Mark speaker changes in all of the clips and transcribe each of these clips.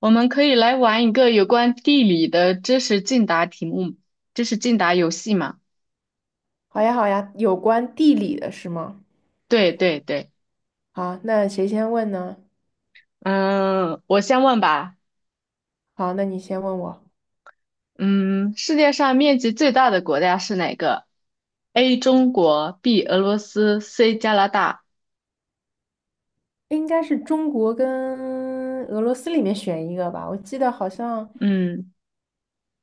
Speaker 1: 我们可以来玩一个有关地理的知识竞答题目，知识竞答游戏嘛？
Speaker 2: 好呀，好呀，有关地理的是吗？
Speaker 1: 对对对。
Speaker 2: 好，那谁先问呢？
Speaker 1: 嗯，我先问吧。
Speaker 2: 好，那你先问我，
Speaker 1: 嗯，世界上面积最大的国家是哪个？A 中国，B 俄罗斯，C 加拿大。
Speaker 2: 应该是中国跟俄罗斯里面选一个吧。我记得好像
Speaker 1: 嗯，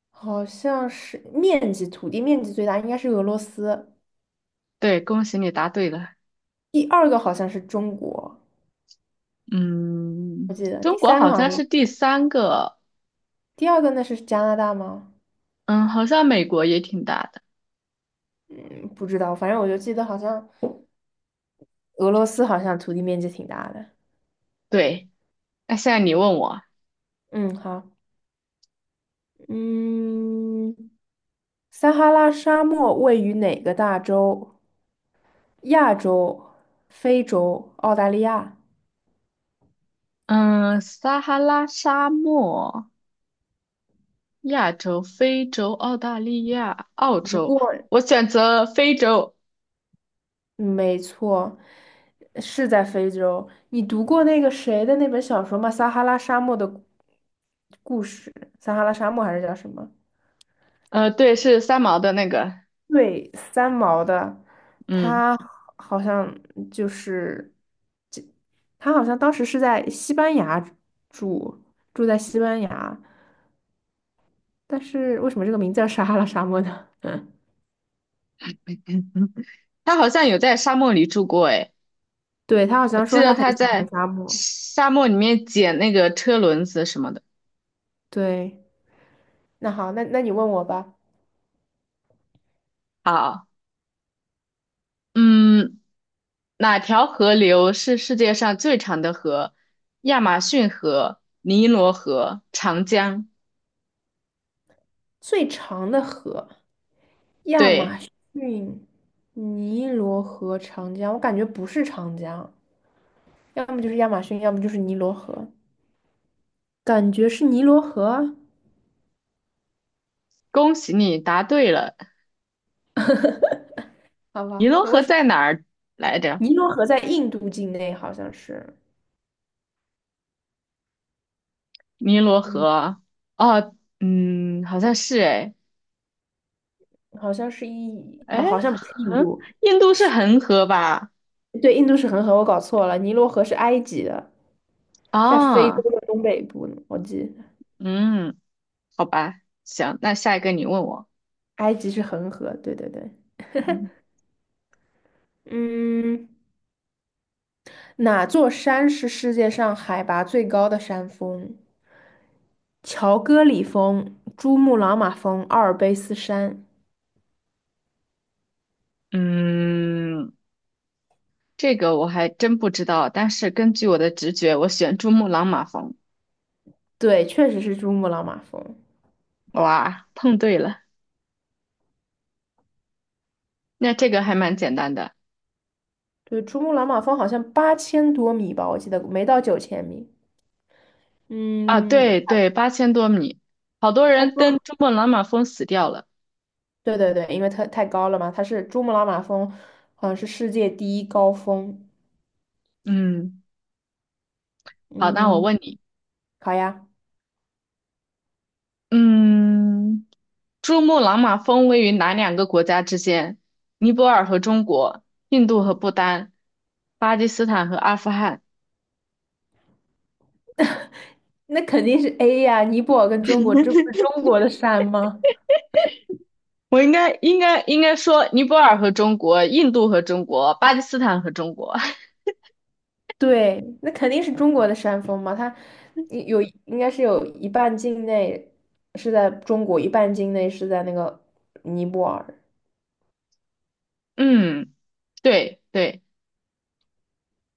Speaker 2: 好像是面积，土地面积最大应该是俄罗斯，
Speaker 1: 对，恭喜你答对了。
Speaker 2: 第二个好像是中国，我
Speaker 1: 嗯，
Speaker 2: 记得
Speaker 1: 中国好像是第三个。
Speaker 2: 第二个那是加拿大吗？
Speaker 1: 嗯，好像美国也挺大的。
Speaker 2: 嗯，不知道，反正我就记得好像俄罗斯好像土地面积挺大的。
Speaker 1: 对，那现在你问我。
Speaker 2: 嗯，好，嗯，撒哈拉沙漠位于哪个大洲？亚洲、非洲、澳大利亚。
Speaker 1: 嗯，撒哈拉沙漠。亚洲、非洲、澳大利亚、澳
Speaker 2: 不
Speaker 1: 洲，
Speaker 2: 过，
Speaker 1: 我选择非洲。
Speaker 2: 嗯没错，是在非洲。你读过那个谁的那本小说吗？《撒哈拉沙漠的故事》，撒哈拉沙漠还是叫什么？
Speaker 1: 对，是三毛的那个。
Speaker 2: 对，三毛的，
Speaker 1: 嗯，
Speaker 2: 他好像就是，这他好像当时是在西班牙住，住在西班牙，但是为什么这个名字叫撒哈拉沙漠呢？嗯，
Speaker 1: 他好像有在沙漠里住过，诶，
Speaker 2: 对，他好
Speaker 1: 我
Speaker 2: 像
Speaker 1: 记
Speaker 2: 说
Speaker 1: 得
Speaker 2: 他很
Speaker 1: 他
Speaker 2: 喜欢
Speaker 1: 在
Speaker 2: 沙漠，
Speaker 1: 沙漠里面捡那个车轮子什么的。
Speaker 2: 对。那好，那你问我吧。
Speaker 1: 好。嗯，哪条河流是世界上最长的河？亚马逊河、尼罗河、长江。
Speaker 2: 最长的河，亚
Speaker 1: 对，
Speaker 2: 马逊、尼罗河、长江，我感觉不是长江，要么就是亚马逊，要么就是尼罗河，感觉是尼罗河啊。
Speaker 1: 恭喜你答对了。
Speaker 2: 好
Speaker 1: 尼
Speaker 2: 吧，
Speaker 1: 罗
Speaker 2: 那
Speaker 1: 河
Speaker 2: 为什么
Speaker 1: 在哪儿来着？
Speaker 2: 尼罗河在印度境内？好像是，
Speaker 1: 尼罗
Speaker 2: 嗯，
Speaker 1: 河。哦，嗯，好像是哎。
Speaker 2: 好像是一，
Speaker 1: 哎，
Speaker 2: 哦，好像不是印
Speaker 1: 恒，
Speaker 2: 度，
Speaker 1: 印度是
Speaker 2: 是
Speaker 1: 恒河吧？
Speaker 2: 对，印度是恒河，我搞错了。尼罗河是埃及的，在非洲
Speaker 1: 啊，
Speaker 2: 的东北部呢我记得
Speaker 1: 嗯，好吧，行，那下一个你问我。
Speaker 2: 埃及是恒河，对对对，
Speaker 1: 嗯
Speaker 2: 嗯。哪座山是世界上海拔最高的山峰？乔戈里峰、珠穆朗玛峰、阿尔卑斯山。
Speaker 1: 嗯，这个我还真不知道，但是根据我的直觉，我选珠穆朗玛峰。
Speaker 2: 对，确实是珠穆朗玛峰。
Speaker 1: 哇，碰对了，那这个还蛮简单的。
Speaker 2: 对，珠穆朗玛峰好像8000多米吧，我记得没到9000米。
Speaker 1: 啊，
Speaker 2: 嗯，
Speaker 1: 对对，8000多米，好多
Speaker 2: 他
Speaker 1: 人
Speaker 2: 说，
Speaker 1: 登珠穆朗玛峰死掉了。
Speaker 2: 对对对，因为它太高了嘛，它是珠穆朗玛峰，好像是世界第一高峰。
Speaker 1: 嗯，好，那我
Speaker 2: 嗯，
Speaker 1: 问你。
Speaker 2: 好呀，
Speaker 1: 嗯。珠穆朗玛峰位于哪两个国家之间？尼泊尔和中国，印度和不丹，巴基斯坦和阿富汗。
Speaker 2: 那肯定是 A 呀，尼泊尔跟中国，这不是中国的山吗？
Speaker 1: 我应该说尼泊尔和中国，印度和中国，巴基斯坦和中国。
Speaker 2: 对，那肯定是中国的山峰嘛，它应该是有一半境内是在中国，一半境内是在那个尼泊尔，
Speaker 1: 嗯，对对。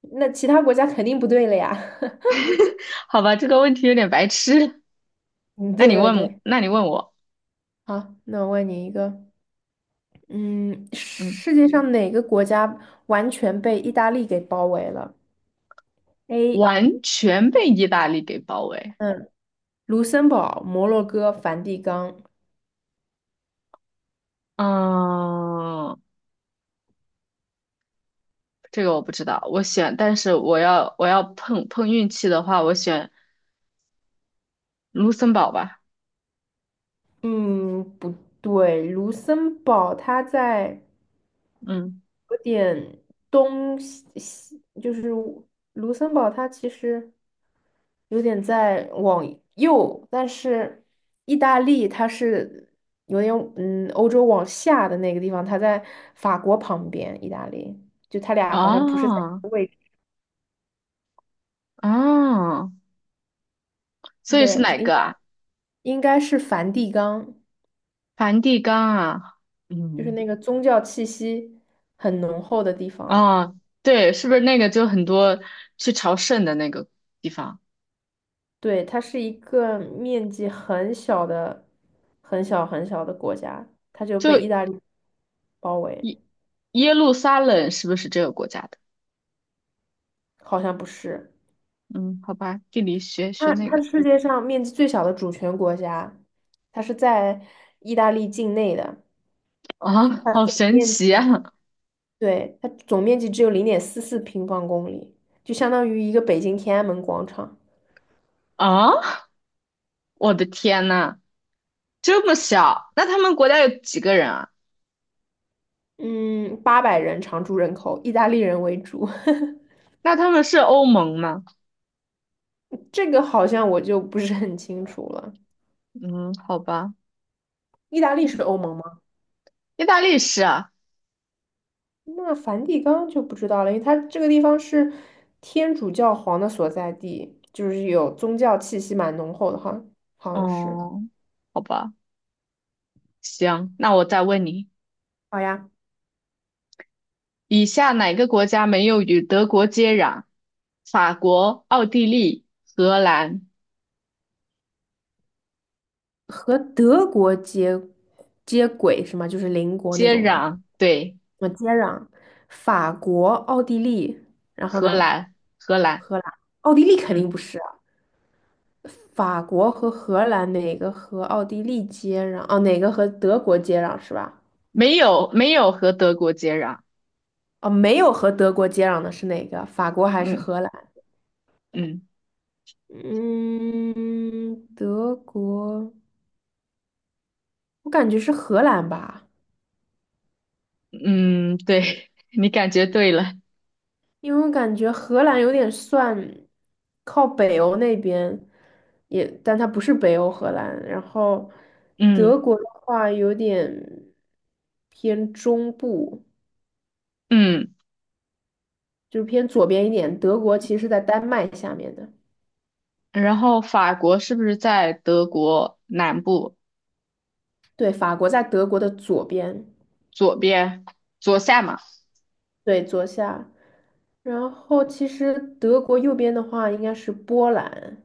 Speaker 2: 那其他国家肯定不对了呀。
Speaker 1: 好吧，这个问题有点白痴。
Speaker 2: 嗯，
Speaker 1: 那
Speaker 2: 对
Speaker 1: 你
Speaker 2: 对
Speaker 1: 问我，
Speaker 2: 对，
Speaker 1: 那你问我。
Speaker 2: 好，那我问你一个，嗯，
Speaker 1: 嗯，
Speaker 2: 世界上哪个国家完全被意大利给包围了？A，
Speaker 1: 完全被意大利给包围。
Speaker 2: 嗯，卢森堡、摩洛哥、梵蒂冈。
Speaker 1: 嗯，这个我不知道，我选，但是我要碰碰运气的话，我选卢森堡吧？
Speaker 2: 嗯，不对，卢森堡它在。
Speaker 1: 嗯，
Speaker 2: 有点东西，西就是卢森堡，它其实有点在往右，但是意大利它是有点欧洲往下的那个地方，它在法国旁边，意大利就它俩好像不是在一
Speaker 1: 哦
Speaker 2: 个位置，
Speaker 1: 哦，所以是
Speaker 2: 对，
Speaker 1: 哪
Speaker 2: 应该
Speaker 1: 个啊？
Speaker 2: 应该是梵蒂冈，
Speaker 1: 梵蒂冈啊？
Speaker 2: 就是
Speaker 1: 嗯，
Speaker 2: 那个宗教气息很浓厚的地方。
Speaker 1: 哦，对，是不是那个就很多去朝圣的那个地方？
Speaker 2: 对，它是一个面积很小的、很小很小的国家，它就被意
Speaker 1: 就
Speaker 2: 大利包围，
Speaker 1: 耶路撒冷是不是这个国家的？
Speaker 2: 好像不是。
Speaker 1: 嗯，好吧，地理学学
Speaker 2: 它
Speaker 1: 那
Speaker 2: 它
Speaker 1: 个。
Speaker 2: 是世界上面积最小的主权国家，它是在意大利境内的，
Speaker 1: 啊，
Speaker 2: 它
Speaker 1: 好
Speaker 2: 总
Speaker 1: 神
Speaker 2: 面
Speaker 1: 奇
Speaker 2: 积，
Speaker 1: 啊！
Speaker 2: 对，它总面积只有0.44平方公里，就相当于一个北京天安门广场。
Speaker 1: 啊，我的天呐，这么小，那他们国家有几个人啊？
Speaker 2: 嗯，800人常住人口，意大利人为主，
Speaker 1: 那他们是欧盟吗？
Speaker 2: 这个好像我就不是很清楚了。
Speaker 1: 嗯，好吧，
Speaker 2: 意大利是欧盟吗？
Speaker 1: 意大利是啊。
Speaker 2: 那梵蒂冈就不知道了，因为它这个地方是天主教皇的所在地，就是有宗教气息蛮浓厚的哈，好像是。
Speaker 1: 哦，好吧。行，那我再问你。
Speaker 2: 好呀，
Speaker 1: 以下哪个国家没有与德国接壤？法国、奥地利、荷兰。
Speaker 2: 和德国接轨是吗？就是邻国那
Speaker 1: 接
Speaker 2: 种吗？
Speaker 1: 壤，对，
Speaker 2: 我接壤，法国、奥地利，然后
Speaker 1: 荷
Speaker 2: 呢，
Speaker 1: 兰，荷兰。
Speaker 2: 荷兰，奥地利肯定
Speaker 1: 嗯，
Speaker 2: 不是啊，法国和荷兰哪个和奥地利接壤？哦，哪个和德国接壤是吧？
Speaker 1: 没有，没有和德国接壤。
Speaker 2: 哦，没有和德国接壤的是哪个？法国还是
Speaker 1: 嗯
Speaker 2: 荷兰？
Speaker 1: 嗯
Speaker 2: 嗯，德国，我感觉是荷兰吧，
Speaker 1: 嗯，对，你感觉对了。
Speaker 2: 因为我感觉荷兰有点算靠北欧那边，也，但它不是北欧荷兰。然后德
Speaker 1: 嗯
Speaker 2: 国的话有点偏中部，
Speaker 1: 嗯，
Speaker 2: 就是偏左边一点。德国其实是在丹麦下面的，
Speaker 1: 然后法国是不是在德国南部
Speaker 2: 对，法国在德国的左边，
Speaker 1: 左边左下嘛？
Speaker 2: 对，左下。然后其实德国右边的话应该是波兰。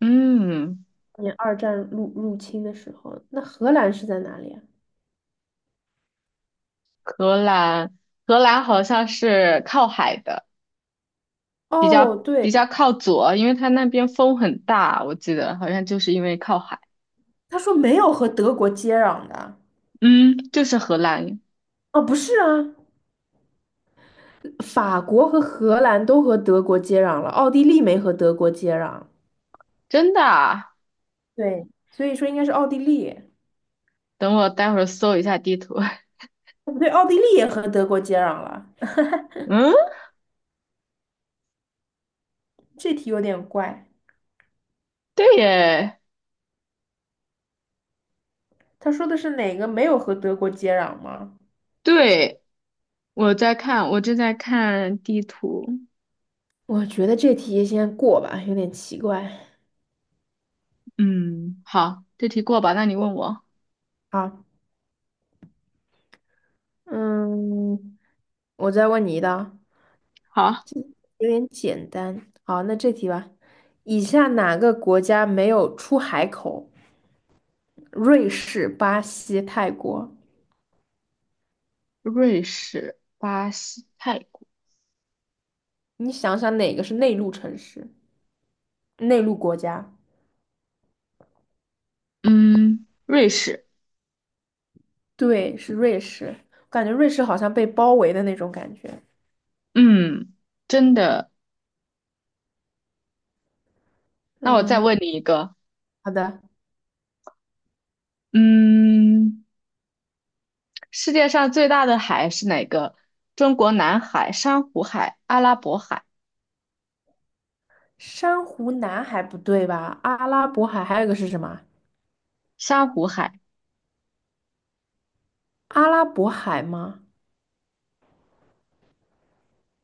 Speaker 1: 嗯，
Speaker 2: 年二战入侵的时候，那荷兰是在哪里啊？
Speaker 1: 荷兰，荷兰好像是靠海的。比
Speaker 2: 哦，
Speaker 1: 较
Speaker 2: 对，
Speaker 1: 比较靠左，因为它那边风很大，我记得好像就是因为靠海。
Speaker 2: 他说没有和德国接壤的，
Speaker 1: 嗯，就是荷兰。
Speaker 2: 哦，不是啊，法国和荷兰都和德国接壤了，奥地利没和德国接壤。
Speaker 1: 真的啊？
Speaker 2: 对，所以说应该是奥地利，
Speaker 1: 等我待会儿搜一下地图。
Speaker 2: 哦不对，奥地利也和德国接壤了。
Speaker 1: 嗯，
Speaker 2: 这题有点怪，
Speaker 1: 对耶，
Speaker 2: 他说的是哪个没有和德国接壤吗？
Speaker 1: 对，我正在看地图。
Speaker 2: 我觉得这题先过吧，有点奇怪。
Speaker 1: 嗯，好，这题过吧，那你问我。
Speaker 2: 好，嗯，我再问你一道。
Speaker 1: 好，
Speaker 2: 有点简单。好，那这题吧。以下哪个国家没有出海口？瑞士、巴西、泰国。
Speaker 1: 瑞士、巴西、泰国。
Speaker 2: 你想想哪个是内陆城市、内陆国家？
Speaker 1: 嗯，瑞士。
Speaker 2: 对，是瑞士。感觉瑞士好像被包围的那种感觉。
Speaker 1: 嗯，真的。那我再
Speaker 2: 嗯，
Speaker 1: 问你一个。
Speaker 2: 好的。
Speaker 1: 嗯。世界上最大的海是哪个？中国南海、珊瑚海、阿拉伯海、
Speaker 2: 珊瑚南海不对吧？阿拉伯海还有一个是什么？
Speaker 1: 珊瑚海。
Speaker 2: 阿拉伯海吗？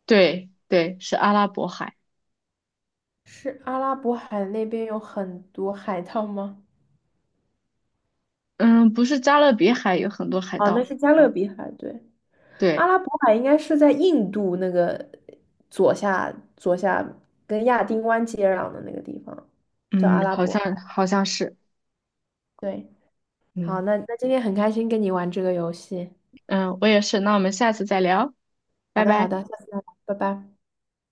Speaker 1: 对对，是阿拉伯海。
Speaker 2: 是阿拉伯海那边有很多海盗吗？
Speaker 1: 嗯，不是加勒比海有很多海
Speaker 2: 哦，
Speaker 1: 盗
Speaker 2: 那
Speaker 1: 吗？
Speaker 2: 是加勒比海，对。阿
Speaker 1: 对，
Speaker 2: 拉伯海应该是在印度那个左下左下跟亚丁湾接壤的那个地方，叫阿
Speaker 1: 嗯，
Speaker 2: 拉
Speaker 1: 好
Speaker 2: 伯海。
Speaker 1: 像好像是。
Speaker 2: 对，好，
Speaker 1: 嗯
Speaker 2: 那今天很开心跟你玩这个游戏。
Speaker 1: 嗯，我也是。那我们下次再聊，
Speaker 2: 好
Speaker 1: 拜
Speaker 2: 的，好
Speaker 1: 拜。
Speaker 2: 的，下次再聊，拜拜。